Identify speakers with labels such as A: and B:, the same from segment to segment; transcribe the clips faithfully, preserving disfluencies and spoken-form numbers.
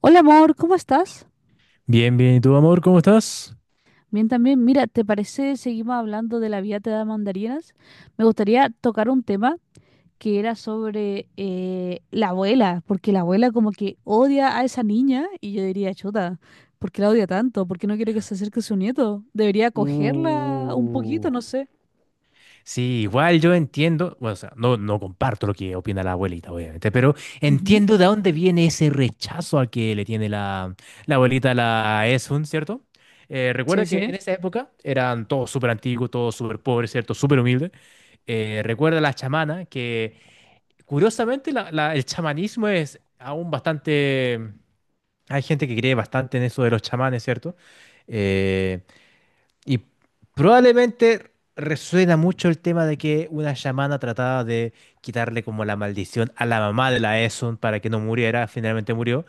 A: Hola amor, ¿cómo estás?
B: Bien, bien. ¿Y tú, amor, cómo estás?
A: Bien también. Mira, ¿te parece seguimos hablando de la vida te da mandarinas? Me gustaría tocar un tema que era sobre eh, la abuela, porque la abuela como que odia a esa niña y yo diría, chuta, ¿por qué la odia tanto? ¿Por qué no quiere que se acerque a su nieto? Debería acogerla un poquito,
B: Uh,
A: no sé.
B: sí, igual yo entiendo, bueno, o sea, no, no comparto lo que opina la abuelita, obviamente, pero
A: Ujú.
B: entiendo de dónde viene ese rechazo al que le tiene la, la abuelita a la Esun, ¿cierto? Eh,
A: Sí,
B: recuerda que
A: sí.
B: en esa época eran todos súper antiguos, todos súper pobres, ¿cierto? Súper humildes. Eh, recuerda la chamana, que curiosamente la- la- el chamanismo es aún bastante. Hay gente que cree bastante en eso de los chamanes, ¿cierto? Eh, Y probablemente resuena mucho el tema de que una chamana trataba de quitarle como la maldición a la mamá de la Esun para que no muriera, finalmente murió,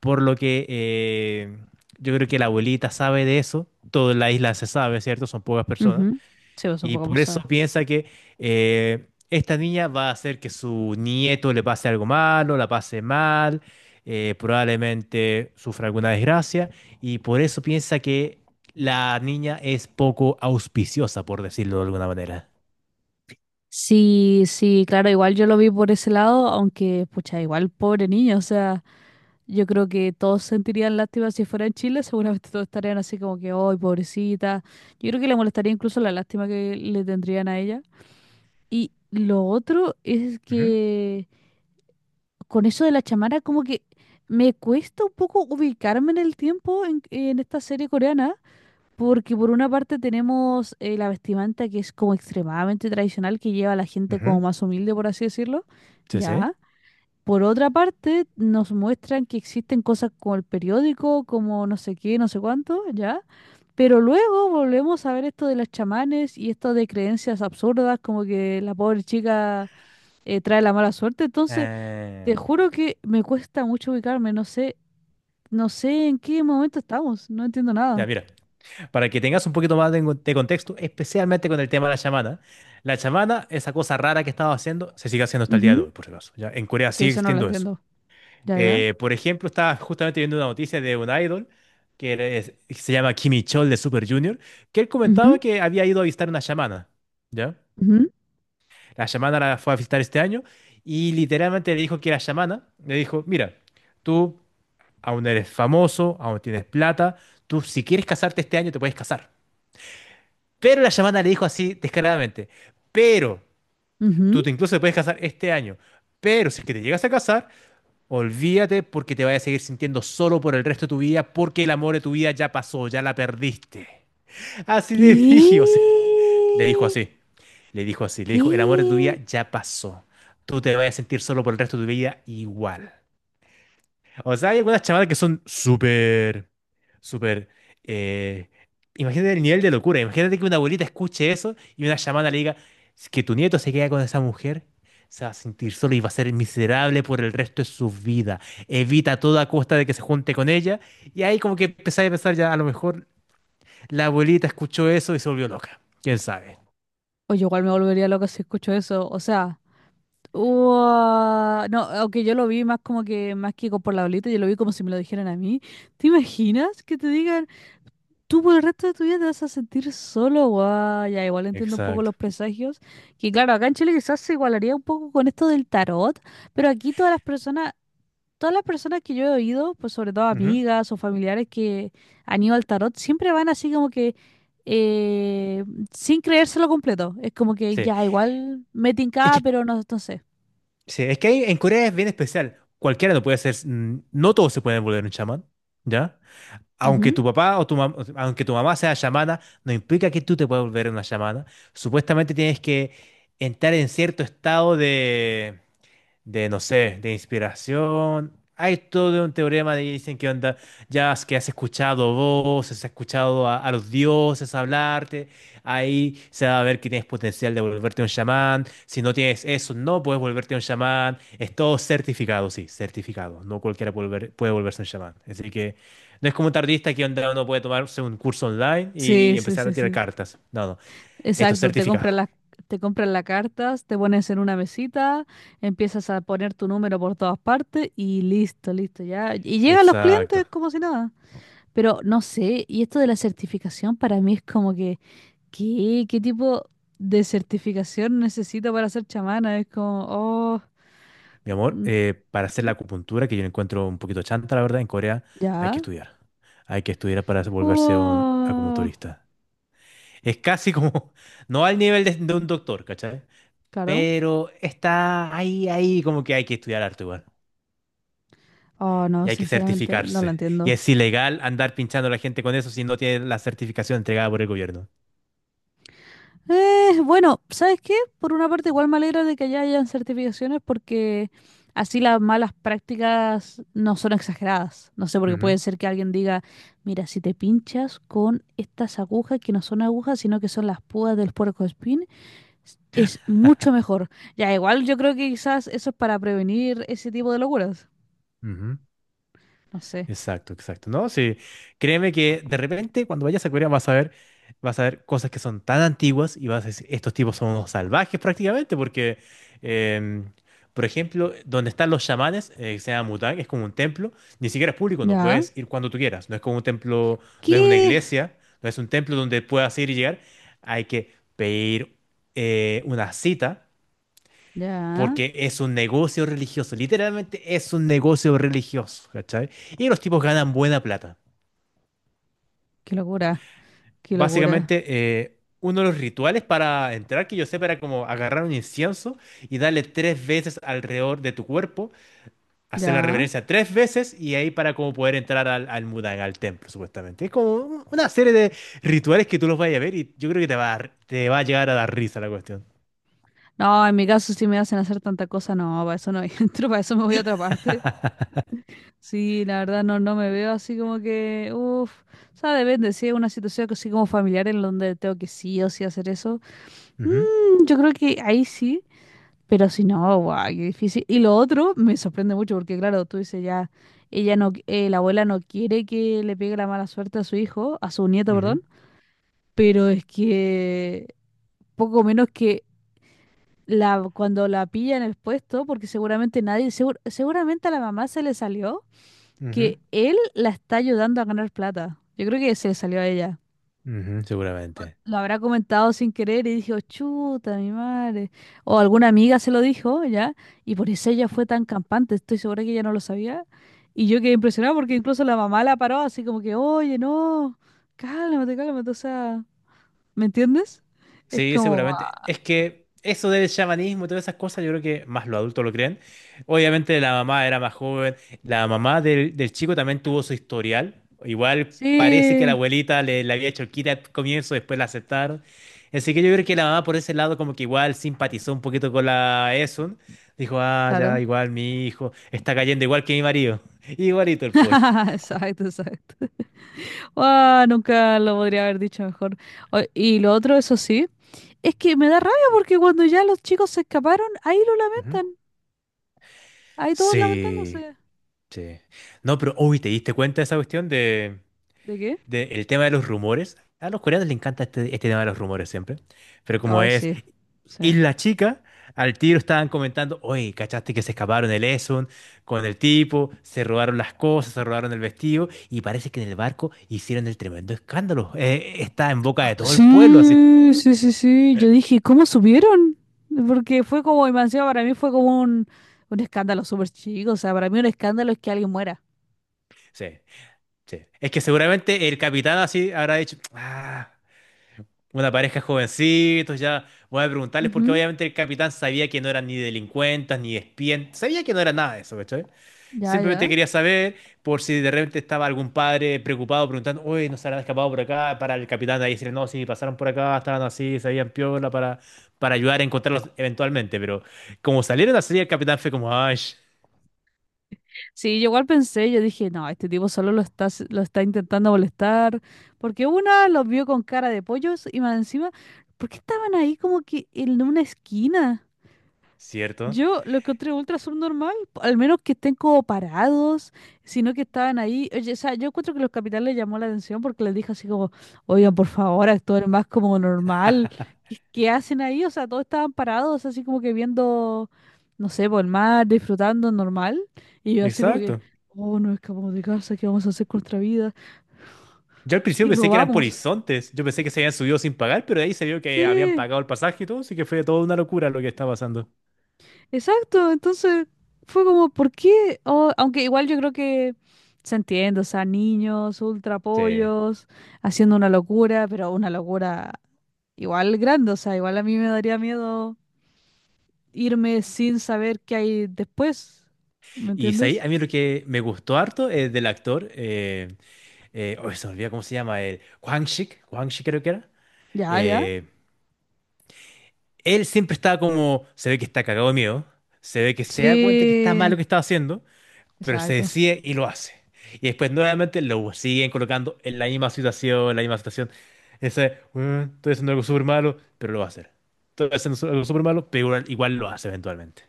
B: por lo que eh, yo creo que la abuelita sabe de eso, toda la isla se sabe, ¿cierto? Son pocas personas.
A: Ujú. Sí, pues son
B: Y
A: pocas
B: por eso
A: personas.
B: piensa que eh, esta niña va a hacer que su nieto le pase algo malo, la pase mal, eh, probablemente sufra alguna desgracia, y por eso piensa que la niña es poco auspiciosa, por decirlo de alguna manera.
A: Sí, sí, claro, igual yo lo vi por ese lado, aunque, pucha, igual pobre niño, o sea... Yo creo que todos sentirían lástima si fuera en Chile, seguramente todos estarían así como que, ¡ay, pobrecita! Yo creo que le molestaría incluso la lástima que le tendrían a ella. Y lo otro es
B: Ujú,
A: que con eso de la chamara, como que me cuesta un poco ubicarme en el tiempo en, en esta serie coreana, porque por una parte tenemos eh, la vestimenta que es como extremadamente tradicional, que lleva a la gente como
B: ujú.
A: más humilde, por así decirlo,
B: Sí, sí.
A: ¿ya? Por otra parte, nos muestran que existen cosas como el periódico, como no sé qué, no sé cuánto, ¿ya? Pero luego volvemos a ver esto de los chamanes y esto de creencias absurdas, como que la pobre chica eh, trae la mala suerte. Entonces, te
B: Eh,
A: juro que me cuesta mucho ubicarme, no sé, no sé en qué momento estamos, no entiendo
B: ya,
A: nada.
B: mira, para que tengas un poquito más de, de contexto, especialmente con el tema de la chamana. La chamana, esa cosa rara que estaba haciendo, se sigue haciendo hasta el día de
A: Ujú.
B: hoy, por si acaso. Ya, en Corea
A: Sí,
B: sigue
A: eso no lo
B: existiendo eso.
A: entiendo. Ya, ya.
B: Eh, por ejemplo, estaba justamente viendo una noticia de un idol que es- se llama Kimi Chol de Super Junior, que él comentaba
A: Ujú,
B: que había ido a visitar una chamana, ¿ya?
A: ujú,
B: La chamana la fue a visitar este año y literalmente le dijo que la chamana le dijo, mira, tú aún eres famoso, aún tienes plata, tú si quieres casarte este año te puedes casar. Pero la chamana le dijo así descaradamente, pero tú
A: ujú.
B: te- incluso te puedes casar este año, pero si es que te llegas a casar, olvídate porque te vas a seguir sintiendo solo por el resto de tu vida porque el amor de tu vida ya pasó, ya la perdiste. Así de
A: ¿Qué?
B: brígido. Le dijo así. Le dijo así. Le dijo, el amor de tu vida
A: ¿Qué?
B: ya pasó. Tú te vas a sentir solo por el resto de tu vida igual. O sea, hay algunas chamadas que son súper, súper… eh, imagínate el nivel de locura. Imagínate que una abuelita escuche eso y una chamana le diga: "Es que tu nieto se queda con esa mujer. Se va a sentir solo y va a ser miserable por el resto de su vida. Evita a toda costa de que se junte con ella". Y ahí como que empecé a pensar, ya, a lo mejor la abuelita escuchó eso y se volvió loca. ¿Quién sabe?
A: Oye, igual me volvería loca si escucho eso. O sea, ua- no, aunque yo lo vi más como que, más que por la bolita, yo lo vi como si me lo dijeran a mí. ¿Te imaginas que te digan, tú por el resto de tu vida te vas a sentir solo? Guau, ya, igual entiendo un poco
B: Exacto.
A: los presagios. Que claro, acá en Chile quizás se igualaría un poco con esto del tarot, pero aquí todas las personas todas las personas que yo he oído, pues sobre todo
B: Ujú.
A: amigas o familiares que han ido al tarot, siempre van así como que eh, sin creérselo completo. Es como que
B: Sí.
A: ya igual me
B: Es
A: tincaba,
B: que,
A: pero no, no sé.
B: sí, es que ahí en Corea es bien especial. Cualquiera no puede ser, mm, no todos se pueden volver un chamán, ¿ya? Aunque
A: Ujú.
B: tu papá o tu mam- aunque tu mamá sea chamana, no implica que tú te puedas volver una chamana. Supuestamente tienes que entrar en cierto estado de de, no sé, de inspiración. Hay todo un teorema de dicen que onda, ya es que has escuchado voces, has escuchado a, a los dioses hablarte, ahí se va a ver que tienes potencial de volverte un chamán. Si no tienes eso, no puedes volverte un chamán. Es todo certificado, sí, certificado. No cualquiera puede, volver- puede volverse un chamán. Así que no es como un tardista que onda uno puede tomarse un curso online
A: Sí,
B: y
A: sí,
B: empezar a
A: sí,
B: tirar
A: sí.
B: cartas. No, no, esto es
A: Exacto, te compran
B: certificado.
A: las, te compran las cartas, te pones en una mesita, empiezas a poner tu número por todas partes y listo, listo, ya. Y llegan los clientes
B: Exacto.
A: como si nada. Pero no sé, y esto de la certificación para mí es como que ¿qué? ¿Qué tipo de certificación necesito para ser chamana? Es como, oh,
B: Mi amor,
A: mm,
B: eh, para hacer la acupuntura, que yo la encuentro un poquito chanta, la verdad, en Corea hay que
A: ya.
B: estudiar. Hay que estudiar para volverse un
A: Oh,
B: acupunturista. Es casi como, no al nivel de, de un doctor, ¿cachai?
A: claro.
B: Pero está ahí, ahí, como que hay que estudiar arte igual.
A: Oh,
B: Y
A: no,
B: hay que
A: sinceramente no lo
B: certificarse. Y
A: entiendo.
B: es ilegal andar pinchando a la gente con eso si no tiene la certificación entregada por el gobierno.
A: Eh, bueno, ¿sabes qué? Por una parte, igual me alegra de que ya hayan certificaciones porque así las malas prácticas no son exageradas. No sé, porque
B: Ujú,
A: puede ser que alguien diga, mira, si te pinchas con estas agujas que no son agujas, sino que son las púas del puercoespín, es mucho mejor. Ya, igual yo creo que quizás eso es para prevenir ese tipo de locuras.
B: ujú.
A: No sé.
B: Exacto, exacto, ¿no? Sí, créeme que de repente cuando vayas a Corea vas a ver, vas a ver cosas que son tan antiguas y vas a decir, estos tipos son unos salvajes prácticamente, porque, em, por ejemplo, donde están los chamanes, eh, que se llama Mutang, es como un templo, ni siquiera es público, no
A: Ya.
B: puedes ir cuando tú quieras, no es como un templo, no es una
A: ¿Qué?
B: iglesia, no es un templo donde puedas ir y llegar, hay que pedir eh, una cita
A: Ya.
B: porque es un negocio religioso, literalmente es un negocio religioso, ¿cachai? Y los tipos ganan buena plata.
A: Qué locura. Qué locura.
B: Básicamente, eh, uno de los rituales para entrar, que yo sé, era como agarrar un incienso y darle tres veces alrededor de tu cuerpo, hacer la
A: Ya.
B: reverencia tres veces y ahí para como poder entrar al, al Mudan, al templo, supuestamente. Es como un- una serie de rituales que tú los vayas a ver y yo creo que te va a, te va a llegar a dar risa la cuestión.
A: No, en mi caso si me hacen hacer tanta cosa, no, para eso no entro, para eso me voy a otra parte. Sí, la verdad no, no me veo así como que, uff, o sea, depende, si es una situación así como familiar en donde tengo que sí o sí hacer eso,
B: Ujú,
A: mm, yo creo que ahí sí. Pero si no, guau, qué difícil. Y lo otro me sorprende mucho porque, claro, tú dices ya, ella no, qui- eh, la abuela no quiere que le pegue la mala suerte a su hijo, a su nieto,
B: ujú,
A: perdón, pero es que poco menos que la, cuando la pilla en el puesto, porque seguramente nadie, segur- seguramente a la mamá se le salió
B: ujú,
A: que él la está ayudando a ganar plata. Yo creo que se le salió a ella,
B: ujú, seguramente.
A: lo habrá comentado sin querer y dijo, chuta, mi madre. O alguna amiga se lo dijo, ¿ya? Y por eso ella fue tan campante, estoy segura que ella no lo sabía. Y yo quedé impresionada porque incluso la mamá la paró así como que, oye, no, cálmate, cálmate, o sea, ¿me entiendes? Es
B: Sí,
A: como, "Guau,
B: seguramente. Es que eso del chamanismo y todas esas cosas, yo creo que más los adultos lo creen. Obviamente la mamá era más joven, la mamá del, del chico también tuvo su historial. Igual parece que la
A: sí,
B: abuelita le, le había hecho quita al comienzo, después la aceptaron. Así que yo creo que la mamá por ese lado como que igual simpatizó un poquito con la Esun. Dijo, ah, ya,
A: claro".
B: igual mi hijo está cayendo igual que mi marido. Igualito el pobre.
A: Exacto, exacto. Ah, nunca lo podría haber dicho mejor. O- Y lo otro, eso sí, es que me da rabia porque cuando ya los chicos se escaparon, ahí lo
B: Ujú.
A: lamentan, ahí todos
B: Sí,
A: lamentándose.
B: sí. No, pero, uy, ¿te diste cuenta de esa cuestión de…
A: ¿De qué?
B: de- el tema de los rumores. A los coreanos les encanta este, este tema de los rumores siempre. Pero como
A: Ay,
B: es
A: sí, sí.
B: Isla Chica, al tiro estaban comentando, oye, ¿cachaste que se escaparon el Esun con el tipo? Se robaron las cosas, se robaron el vestido y parece que en el barco hicieron el tremendo escándalo. Eh, está en boca de todo el pueblo así.
A: Sí, sí, sí, sí. Yo dije, ¿cómo subieron? Porque fue como, y más encima para mí fue como un, un escándalo súper chico. O sea, para mí un escándalo es que alguien muera.
B: Sí, sí. Es que seguramente el capitán así habrá dicho, ah, una pareja jovencitos, ya voy a preguntarles porque
A: Ujú.
B: obviamente el capitán sabía que no eran ni delincuentes, ni espías, sabía que no era nada de eso, ¿cachai?
A: Ya,
B: Simplemente
A: ya.
B: quería saber por si de repente estaba algún padre preocupado preguntando, ¿uy nos habrán escapado por acá? Para el capitán de ahí decirle, no, sí, pasaron por acá, estaban así, sabían piola para, para ayudar a encontrarlos eventualmente. Pero como salieron así, el capitán fue como, ay,
A: Sí, yo igual pensé, yo dije, no, este tipo solo lo está, s- lo está intentando molestar. Porque una los vio con cara de pollos y más encima, ¿por qué estaban ahí como que en una esquina?
B: cierto.
A: Yo lo encontré ultra subnormal, al menos que estén como parados, sino que estaban ahí. Oye, o sea, yo encuentro que los capitales les llamó la atención porque les dije así como, oigan, por favor, actúen más como normal. ¿Qué, qué hacen ahí? O sea, todos estaban parados, así como que viendo, no sé, por el mar, disfrutando normal. Y yo así como que,
B: Exacto.
A: oh, no escapamos de casa, ¿qué vamos a hacer con nuestra vida?
B: Yo al principio
A: Y
B: pensé que eran por
A: robamos.
B: horizontes, yo pensé que se habían subido sin pagar, pero de ahí se vio que habían
A: Sí.
B: pagado el pasaje y todo, así que fue toda una locura lo que está pasando.
A: Exacto, entonces fue como, ¿por qué? Oh, aunque igual yo creo que se entiende, o sea, niños, ultra
B: Sí.
A: pollos, haciendo una locura, pero una locura igual grande, o sea, igual a mí me daría miedo irme sin saber qué hay después, ¿me
B: Y ahí
A: entiendes?
B: a mí lo que me gustó harto es del actor. eh, eh, oh, se me olvida cómo se llama, el Quang Shik, Quang Shik creo que era.
A: Ya, ya.
B: eh, él siempre estaba como, se ve que está cagado de miedo, se ve que se da cuenta que está mal
A: Sí,
B: lo que está haciendo, pero se
A: exacto.
B: decide y lo hace. Y después nuevamente lo siguen colocando en la misma situación, en la misma situación. Ese, "Bueno, estoy haciendo algo súper malo, pero lo va a hacer. Estoy haciendo su- algo súper malo, pero igual, igual lo hace eventualmente".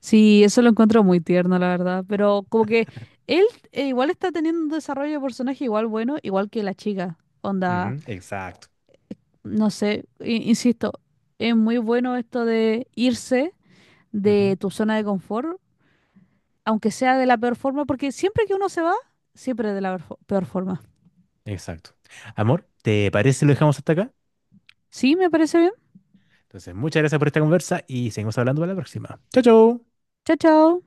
A: Sí, eso lo encuentro muy tierno, la verdad, pero como que él eh, igual está teniendo un desarrollo de personaje igual bueno, igual que la chica, onda.
B: Ujú, exacto.
A: No sé, i- insisto, es muy bueno esto de irse
B: Ujú,
A: de tu zona de confort, aunque sea de la peor forma, porque siempre que uno se va, siempre es de la peor fo- peor forma.
B: exacto. Amor, ¿te parece si lo dejamos hasta acá?
A: Sí, me parece bien.
B: Entonces, muchas gracias por esta conversa y seguimos hablando para la próxima. Chao, chao.
A: Chao, chao.